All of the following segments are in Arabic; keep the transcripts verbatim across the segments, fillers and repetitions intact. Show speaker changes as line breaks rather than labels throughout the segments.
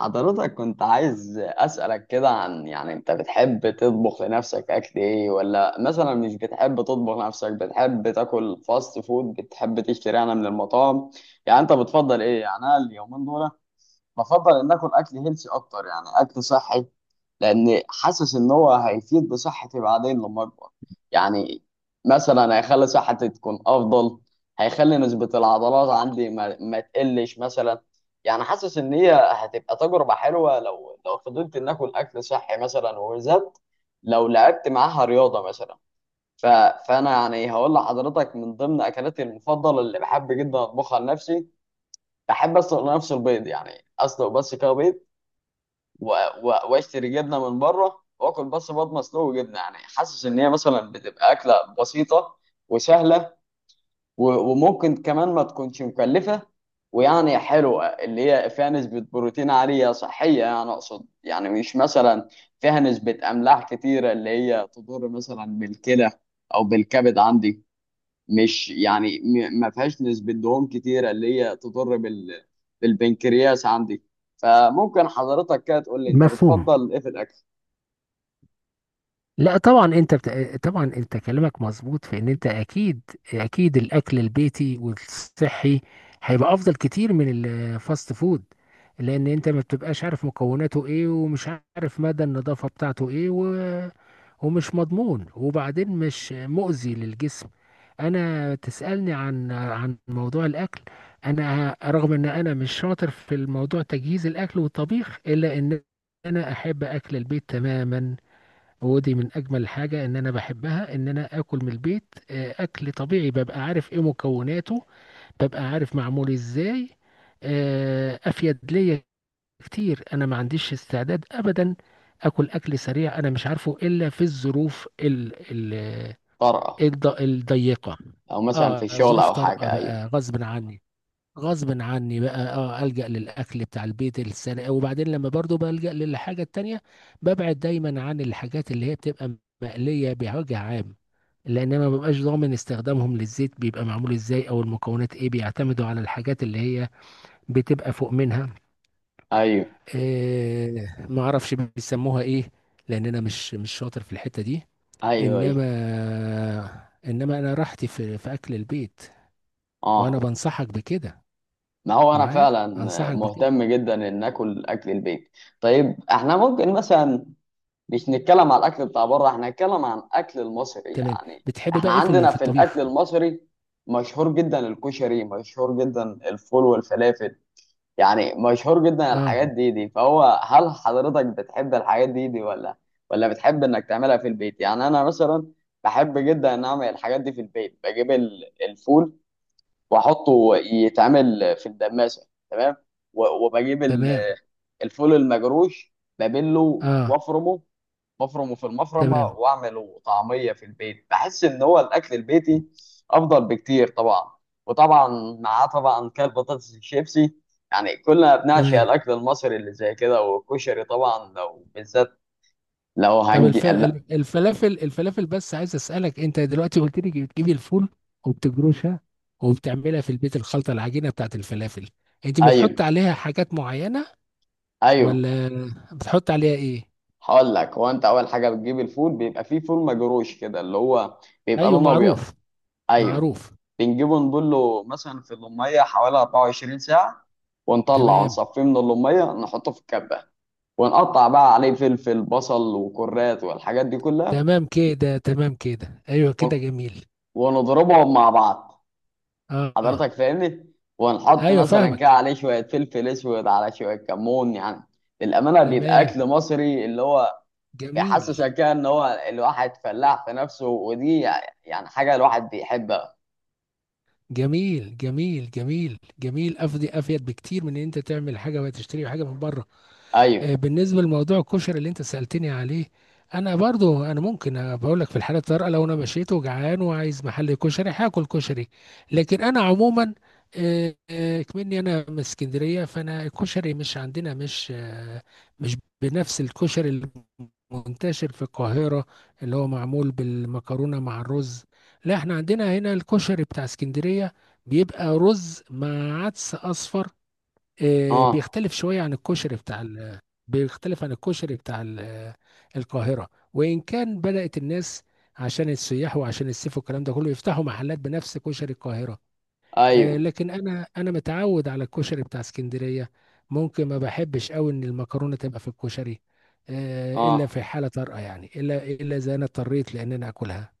حضرتك كنت عايز أسألك كده عن، يعني، أنت بتحب تطبخ لنفسك أكل إيه، ولا مثلا مش بتحب تطبخ لنفسك، بتحب تاكل فاست فود، بتحب تشتري أنا من المطاعم؟ يعني أنت بتفضل إيه؟ يعني أنا اليومين دول بفضل ان اكل اكل هيلثي اكتر، يعني اكل صحي. لان حاسس ان هو هيفيد بصحتي بعدين لما اكبر. يعني مثلا هيخلي صحتي تكون افضل، هيخلي نسبة العضلات عندي ما, ما تقلش مثلا. يعني حاسس ان هي هتبقى تجربة حلوة لو لو فضلت ان اكل اكل صحي مثلا، وبالذات لو لعبت معاها رياضة مثلا. ف... فانا، يعني، هقول لحضرتك من ضمن اكلاتي المفضلة اللي بحب جدا اطبخها لنفسي. بحب اسلق لنفسي البيض، يعني اسلق بس كده بيض و- و- واشتري جبنه من بره، واكل بس بيض مسلوق وجبنه. يعني حاسس ان هي مثلا بتبقى اكله بسيطه وسهله و- وممكن كمان ما تكونش مكلفه. ويعني حلوه اللي هي فيها نسبه بروتين عاليه صحيه، يعني اقصد، يعني مش مثلا فيها نسبه املاح كتيره اللي هي تضر مثلا بالكلى او بالكبد عندي، مش يعني م- ما فيهاش نسبة دهون كتيرة اللي هي تضر بال بالبنكرياس عندي. فممكن حضرتك كده تقول لي، انت
مفهوم.
بتفضل ايه في الاكل؟
لا، طبعا. انت بت... طبعا انت كلامك مظبوط في ان انت اكيد، اكيد الاكل البيتي والصحي هيبقى افضل كتير من الفاست فود، لان انت ما بتبقاش عارف مكوناته ايه، ومش عارف مدى النظافة بتاعته ايه، و... ومش مضمون، وبعدين مش مؤذي للجسم. انا تسألني عن عن موضوع الاكل. انا رغم ان انا مش شاطر في الموضوع تجهيز الاكل والطبيخ، الا ان انا احب اكل البيت تماما. ودي من اجمل الحاجه ان انا بحبها، ان انا اكل من البيت. آه، اكل طبيعي، ببقى عارف ايه مكوناته، ببقى عارف معمول ازاي. آه، افيد ليا كتير. انا ما عنديش استعداد ابدا اكل اكل سريع. انا مش عارفه الا في الظروف ال ال
طرقة.
الض- الضيقه.
او مثلا في
اه،
الشغل
ظروف
او
طارئه
حاجة. ايوه.
بقى غصب عني، غصب عني بقى، اه، ألجأ للأكل بتاع البيت السنة. وبعدين لما برضو بلجأ للحاجة التانية، ببعد دايما عن الحاجات اللي هي بتبقى مقلية بوجه عام، لأن أنا ما ببقاش ضامن استخدامهم للزيت، بيبقى معمول إزاي أو المكونات إيه. بيعتمدوا على الحاجات اللي هي بتبقى فوق منها،
ايوه.
إيه، ما أعرفش بيسموها إيه، لأن أنا مش مش شاطر في الحتة دي.
ايوه. ايوه.
إنما، إنما أنا راحتي في في أكل البيت، وأنا
اه.
بنصحك بكده،
ما هو انا
معايا،
فعلا
أنصحك بكده.
مهتم جدا ان اكل اكل البيت. طيب احنا ممكن مثلا مش نتكلم على الاكل بتاع بره، احنا نتكلم عن الاكل المصري
تمام.
يعني.
بتحب
احنا
بقى ايه في ال-
عندنا
في
في الاكل
الطبيخ؟
المصري مشهور جدا الكشري، مشهور جدا الفول والفلافل، يعني مشهور جدا
اه،
الحاجات دي دي. فهو، هل حضرتك بتحب الحاجات دي دي ولا ولا بتحب انك تعملها في البيت؟ يعني انا مثلا بحب جدا ان اعمل الحاجات دي في البيت، بجيب ال- الفول واحطه يتعمل في الدماسة، تمام، و- وبجيب
تمام.
ال- الفول المجروش، ببله
اه،
وافرمه مفرمه في المفرمه،
تمام.
واعمله طعميه في البيت. بحس ان هو الاكل البيتي افضل بكتير طبعا. وطبعا معاه طبعا كان بطاطس الشيبسي، يعني كلنا بنعشق
تمام.
الاكل المصري اللي زي كده. والكشري طبعا لو بالذات لو
طب
هنجي.
الف...
لا.
ال- الفلافل الفلافل، بس عايز اسالك، انت دلوقتي قلت لي بتجيبي الفول وبتجروشها وبتعملها في البيت الخلطه، العجينه بتاعت الفلافل، انت
ايوه.
بتحط عليها حاجات معينه؟
ايوه.
ولا بتحط عليها ايه؟
هقول لك، هو انت اول حاجه بتجيب الفول بيبقى فيه فول مجروش كده اللي هو بيبقى
ايوه،
لونه ابيض.
معروف.
ايوه.
معروف.
بنجيبه نبله مثلا في الميه حوالي أربعة وعشرين ساعه، ونطلع
تمام.
ونصفيه من اللميه نحطه في الكبه، ونقطع بقى عليه فلفل بصل وكرات والحاجات دي كلها،
تمام كده. تمام كده، ايوه كده،
ون-
جميل.
ونضربهم مع بعض.
اه، اه،
حضرتك فاهمني. ونحط
ايوه،
مثلا
فاهمك.
كده عليه شوية فلفل اسود على شوية كمون، يعني للأمانة بيبقى
تمام.
أكل مصري اللي هو
جميل،
بيحسسك كده إن هو الواحد فلاح في نفسه، ودي يعني حاجة الواحد بيحبها.
جميل، جميل، جميل، جميل. افضي افيد بكتير من ان انت تعمل حاجه وتشتري حاجه من بره.
أيوه.
آه، بالنسبه لموضوع الكشري اللي انت سالتني عليه، انا برضو انا ممكن بقول لك، في الحاله الطارئه لو انا مشيت وجعان وعايز محل كشري هاكل كشري. لكن انا عموما، آه، آه، كمني انا من اسكندريه، فانا الكشري مش عندنا، مش آه، مش بنفس الكشري المنتشر في القاهره، اللي هو معمول بالمكرونه مع الرز. لا، احنا عندنا هنا الكشري بتاع اسكندريه، بيبقى رز مع عدس اصفر. آه،
أه.
بيختلف شوية عن الكشري بتاع ال- بيختلف عن الكشري بتاع ال- آه، القاهرة، وإن كان بدأت الناس عشان السياح وعشان الصيف والكلام ده كله يفتحوا محلات بنفس كشري القاهرة. آه،
أيوه.
لكن أنا أنا متعود على الكشري بتاع اسكندرية. ممكن ما بحبش قوي إن المكرونة تبقى في الكشري، آه، إلا
أه.
في حالة طارئة يعني، إلا إلا إذا أنا اضطريت لأن أنا آكلها.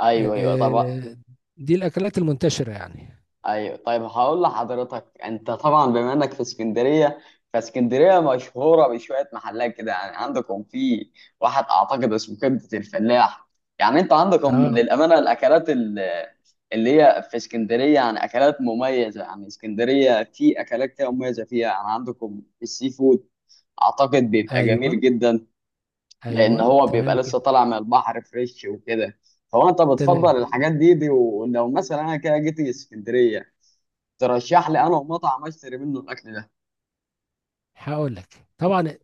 أيوه. أيوه. طب
آه، دي الأكلات المنتشرة يعني.
ايوه. طيب هقول لحضرتك، انت طبعا بما انك في اسكندريه، فاسكندريه مشهوره بشويه محلات كده، يعني عندكم في واحد اعتقد اسمه كبده الفلاح. يعني انت عندكم
آه،
للامانه الاكلات ال- اللي هي في اسكندريه يعني اكلات مميزه، يعني اسكندريه في اكلات كده مميزه فيها، يعني عندكم السي فود اعتقد بيبقى جميل
أيوه،
جدا، لان
أيوه.
هو بيبقى
تمام
لسه
كده.
طالع من البحر فريش وكده. فهو، انت بتفضل
تمام.
الحاجات دي دي؟ ولو مثلا انا كده جيت اسكندريه، ترشح لي انا ومطعم اشتري منه الاكل ده؟
هقول لك، طبعا،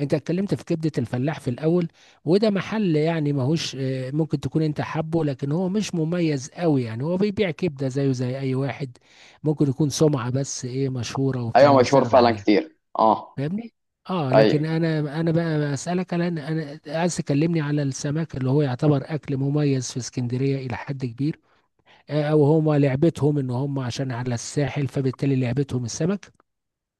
انت اتكلمت في كبدة الفلاح في الاول، وده محل يعني ماهوش، آه، ممكن تكون انت حبه، لكن هو مش مميز قوي. يعني هو بيبيع كبدة زيه زي اي واحد، ممكن يكون سمعة، بس ايه، مشهورة وبتاع
ايوه،
وناس
مشهور
قاعدة
فعلا
عليه.
كتير. اه.
فاهمني؟ اه، لكن
ايوه.
انا، انا بقى اسالك على، انا انا عايز تكلمني على السمك اللي هو يعتبر اكل مميز في اسكندريه الى حد كبير. آه، او هم لعبتهم ان هم عشان على الساحل فبالتالي لعبتهم السمك.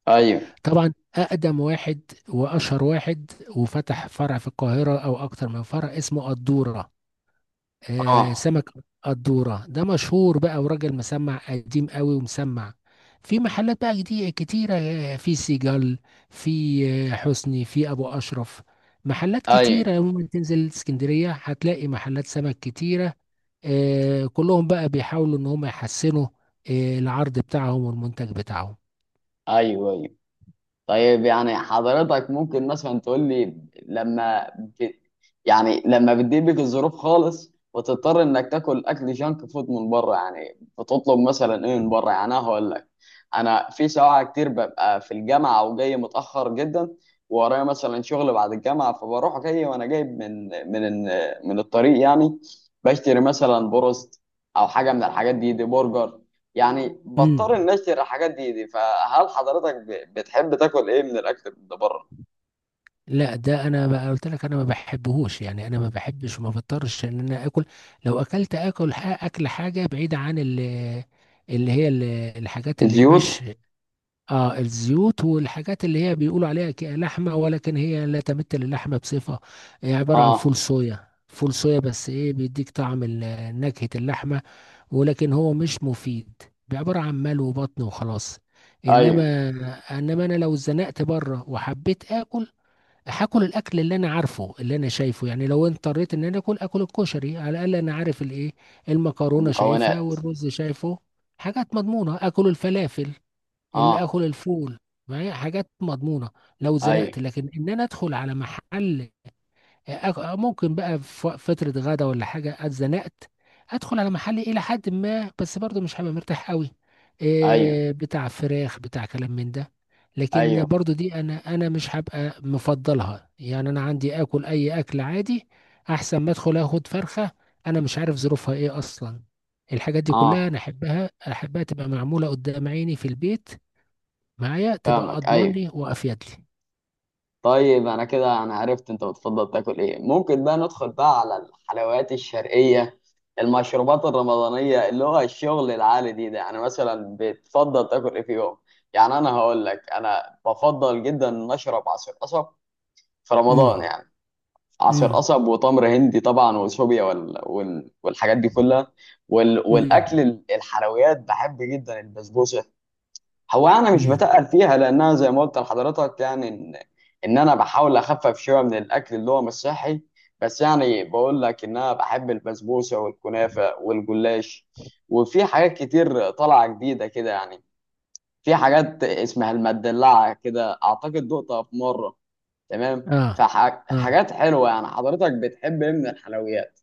ايوه.
طبعا، اقدم واحد واشهر واحد وفتح فرع في القاهره او اكتر من فرع، اسمه قدوره. آه
اه.
سمك قدوره ده مشهور بقى، وراجل مسمع قديم قوي ومسمع. في محلات بقى جديدة كتيرة، آه، في سيجال، في آه، حسني، في أبو أشرف. محلات
ايوه.
كتيرة، ممكن تنزل اسكندرية هتلاقي محلات سمك كتيرة. آه، كلهم بقى بيحاولوا إن هم يحسنوا آه، العرض بتاعهم والمنتج بتاعهم.
ايوه. ايوه. طيب يعني حضرتك ممكن مثلا تقول لي، لما ب... يعني لما بتضيق بيك الظروف خالص وتضطر انك تاكل اكل جانك فود من بره، يعني بتطلب مثلا ايه من بره؟ يعني انا هقول لك، انا في ساعة كتير ببقى في الجامعة او جاي متأخر جدا ورايا مثلا شغل بعد الجامعة، فبروح جاي وانا جايب من من من الطريق، يعني بشتري مثلا بروست او حاجة من الحاجات دي دي، برجر، يعني بضطر
مم.
اني اشتري الحاجات دي دي. فهل حضرتك ب- بتحب تاكل ايه من الاكل اللي بره؟
لا، ده انا بقى قلت لك انا ما بحبهوش يعني. انا ما بحبش وما بضطرش ان انا اكل. لو اكلت اكل ح- اكل حاجه بعيده عن ال- اللي هي ال- الحاجات اللي
الزيوت.
مش، اه، الزيوت، والحاجات اللي هي بيقولوا عليها ك- لحمه، ولكن هي لا تمثل اللحمه بصفه. هي عباره عن فول
اه.
صويا، فول صويا، بس ايه، بيديك طعم ال- نكهه اللحمه، ولكن هو مش مفيد، عباره عن مال وبطن وخلاص.
ايوه.
انما انما انا لو اتزنقت بره وحبيت اكل، هاكل الاكل اللي انا عارفه اللي انا شايفه يعني. لو اضطريت ان انا اكل اكل الكشري، على الاقل انا عارف الايه، المكرونه شايفها
المكونات.
والرز شايفه، حاجات مضمونه. اكل الفلافل، اللي
اه.
اكل الفول، معايا حاجات مضمونه. لو زنقت،
ايوه.
لكن ان انا ادخل على محل يعني، أك- آه، ممكن بقى في وق- فترة غدا ولا حاجة اتزنقت، ادخل على محل الى حد ما، بس برضه مش هبقى مرتاح قوي،
ايوه.
إيه بتاع فراخ بتاع كلام من ده. لكن
ايوه.
برضه دي انا، انا مش هبقى مفضلها. يعني انا عندي اكل اي اكل عادي احسن ما ادخل اخد فرخة، انا مش عارف ظروفها ايه اصلا. الحاجات دي كلها
اه.
انا احبها، احبها تبقى معمولة قدام عيني في البيت، معايا، تبقى
فاهمك.
اضمن
ايوه.
لي وافيد لي.
طيب انا كده انا عرفت انت بتفضل تاكل ايه، ممكن بقى ندخل بقى على الحلويات الشرقية، المشروبات الرمضانية اللي هو الشغل العالي دي ده، يعني مثلا بتفضل تاكل ايه في يوم؟ يعني انا هقول لك، انا بفضل جدا ان اشرب عصير قصب في رمضان
امم.
يعني، عسل
امم.
قصب وتمر هندي طبعا وشوبيا وال... وال... والحاجات دي كلها وال... والاكل
امم.
ال- الحلويات. بحب جدا البسبوسه. هو انا مش
امم.
بتقل فيها لانها زي ما قلت لحضرتك، يعني ان ان انا بحاول اخفف شويه من الاكل اللي هو مش صحي. بس يعني بقول لك ان انا بحب البسبوسه والكنافه والجلاش، وفي حاجات كتير طالعه جديده كده يعني. في حاجات اسمها المدلعه كده، اعتقد دقتها في مره، تمام،
اه، اه،
فحاجات حلوه. يعني حضرتك بتحب ايه من الحلويات؟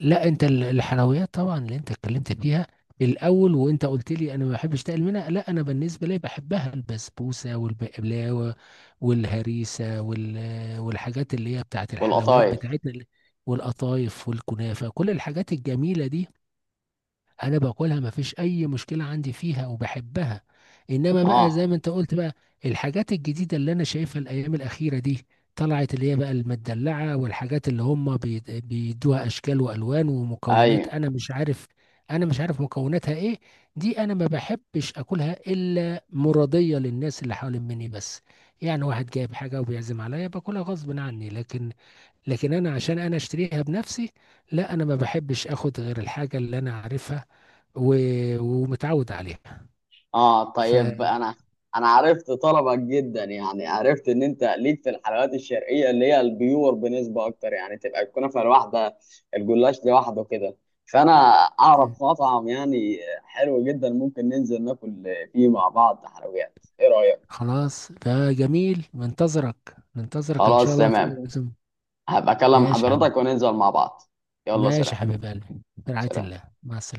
لا، انت ال- الحلويات، طبعا اللي انت اتكلمت فيها الاول، وانت قلت لي انا ما بحبش تقل منها. لا، انا بالنسبه لي بحبها، البسبوسه والبقلاوه والهريسه وال... والحاجات اللي هي بتاعت الحلويات
والقطايف.
بتاعتنا، اللي- والقطايف والكنافه، كل الحاجات الجميله دي انا باكلها، مفيش اي مشكله عندي فيها، وبحبها. انما بقى زي
اه.
ما انت قلت بقى، الحاجات الجديده اللي انا شايفها الايام الاخيره دي، طلعت اللي هي بقى المدلعه والحاجات اللي هم بي- بيدوها اشكال والوان ومكونات،
ايوه.
انا مش عارف، انا مش عارف مكوناتها ايه. دي انا ما بحبش اكلها الا مرضيه للناس اللي حوالين مني بس. يعني واحد جايب حاجه وبيعزم عليا باكلها غصب عني، لكن، لكن انا عشان انا اشتريها بنفسي، لا، انا ما بحبش اخد غير الحاجه اللي انا عارفها و... ومتعود عليها،
اه. طيب
فخلاص.
انا انا عرفت طلبك جدا، يعني عرفت ان انت ليك في الحلويات الشرقيه اللي هي البيور بنسبه اكتر، يعني تبقى الكنافه لوحدها، الجلاش لوحده كده. فانا اعرف مطعم يعني حلو جدا ممكن ننزل ناكل فيه مع بعض حلويات، ايه رايك؟
اوكي، ده جميل. منتظرك، منتظرك ان شاء
خلاص
الله في
تمام.
أي عزم.
هبقى اكلم
ماشي يا حبيبي.
حضرتك وننزل مع بعض. يلا سلام.
ماشي يا حبيب قلبي، برعاية
سلام.
الله، مع السلامة.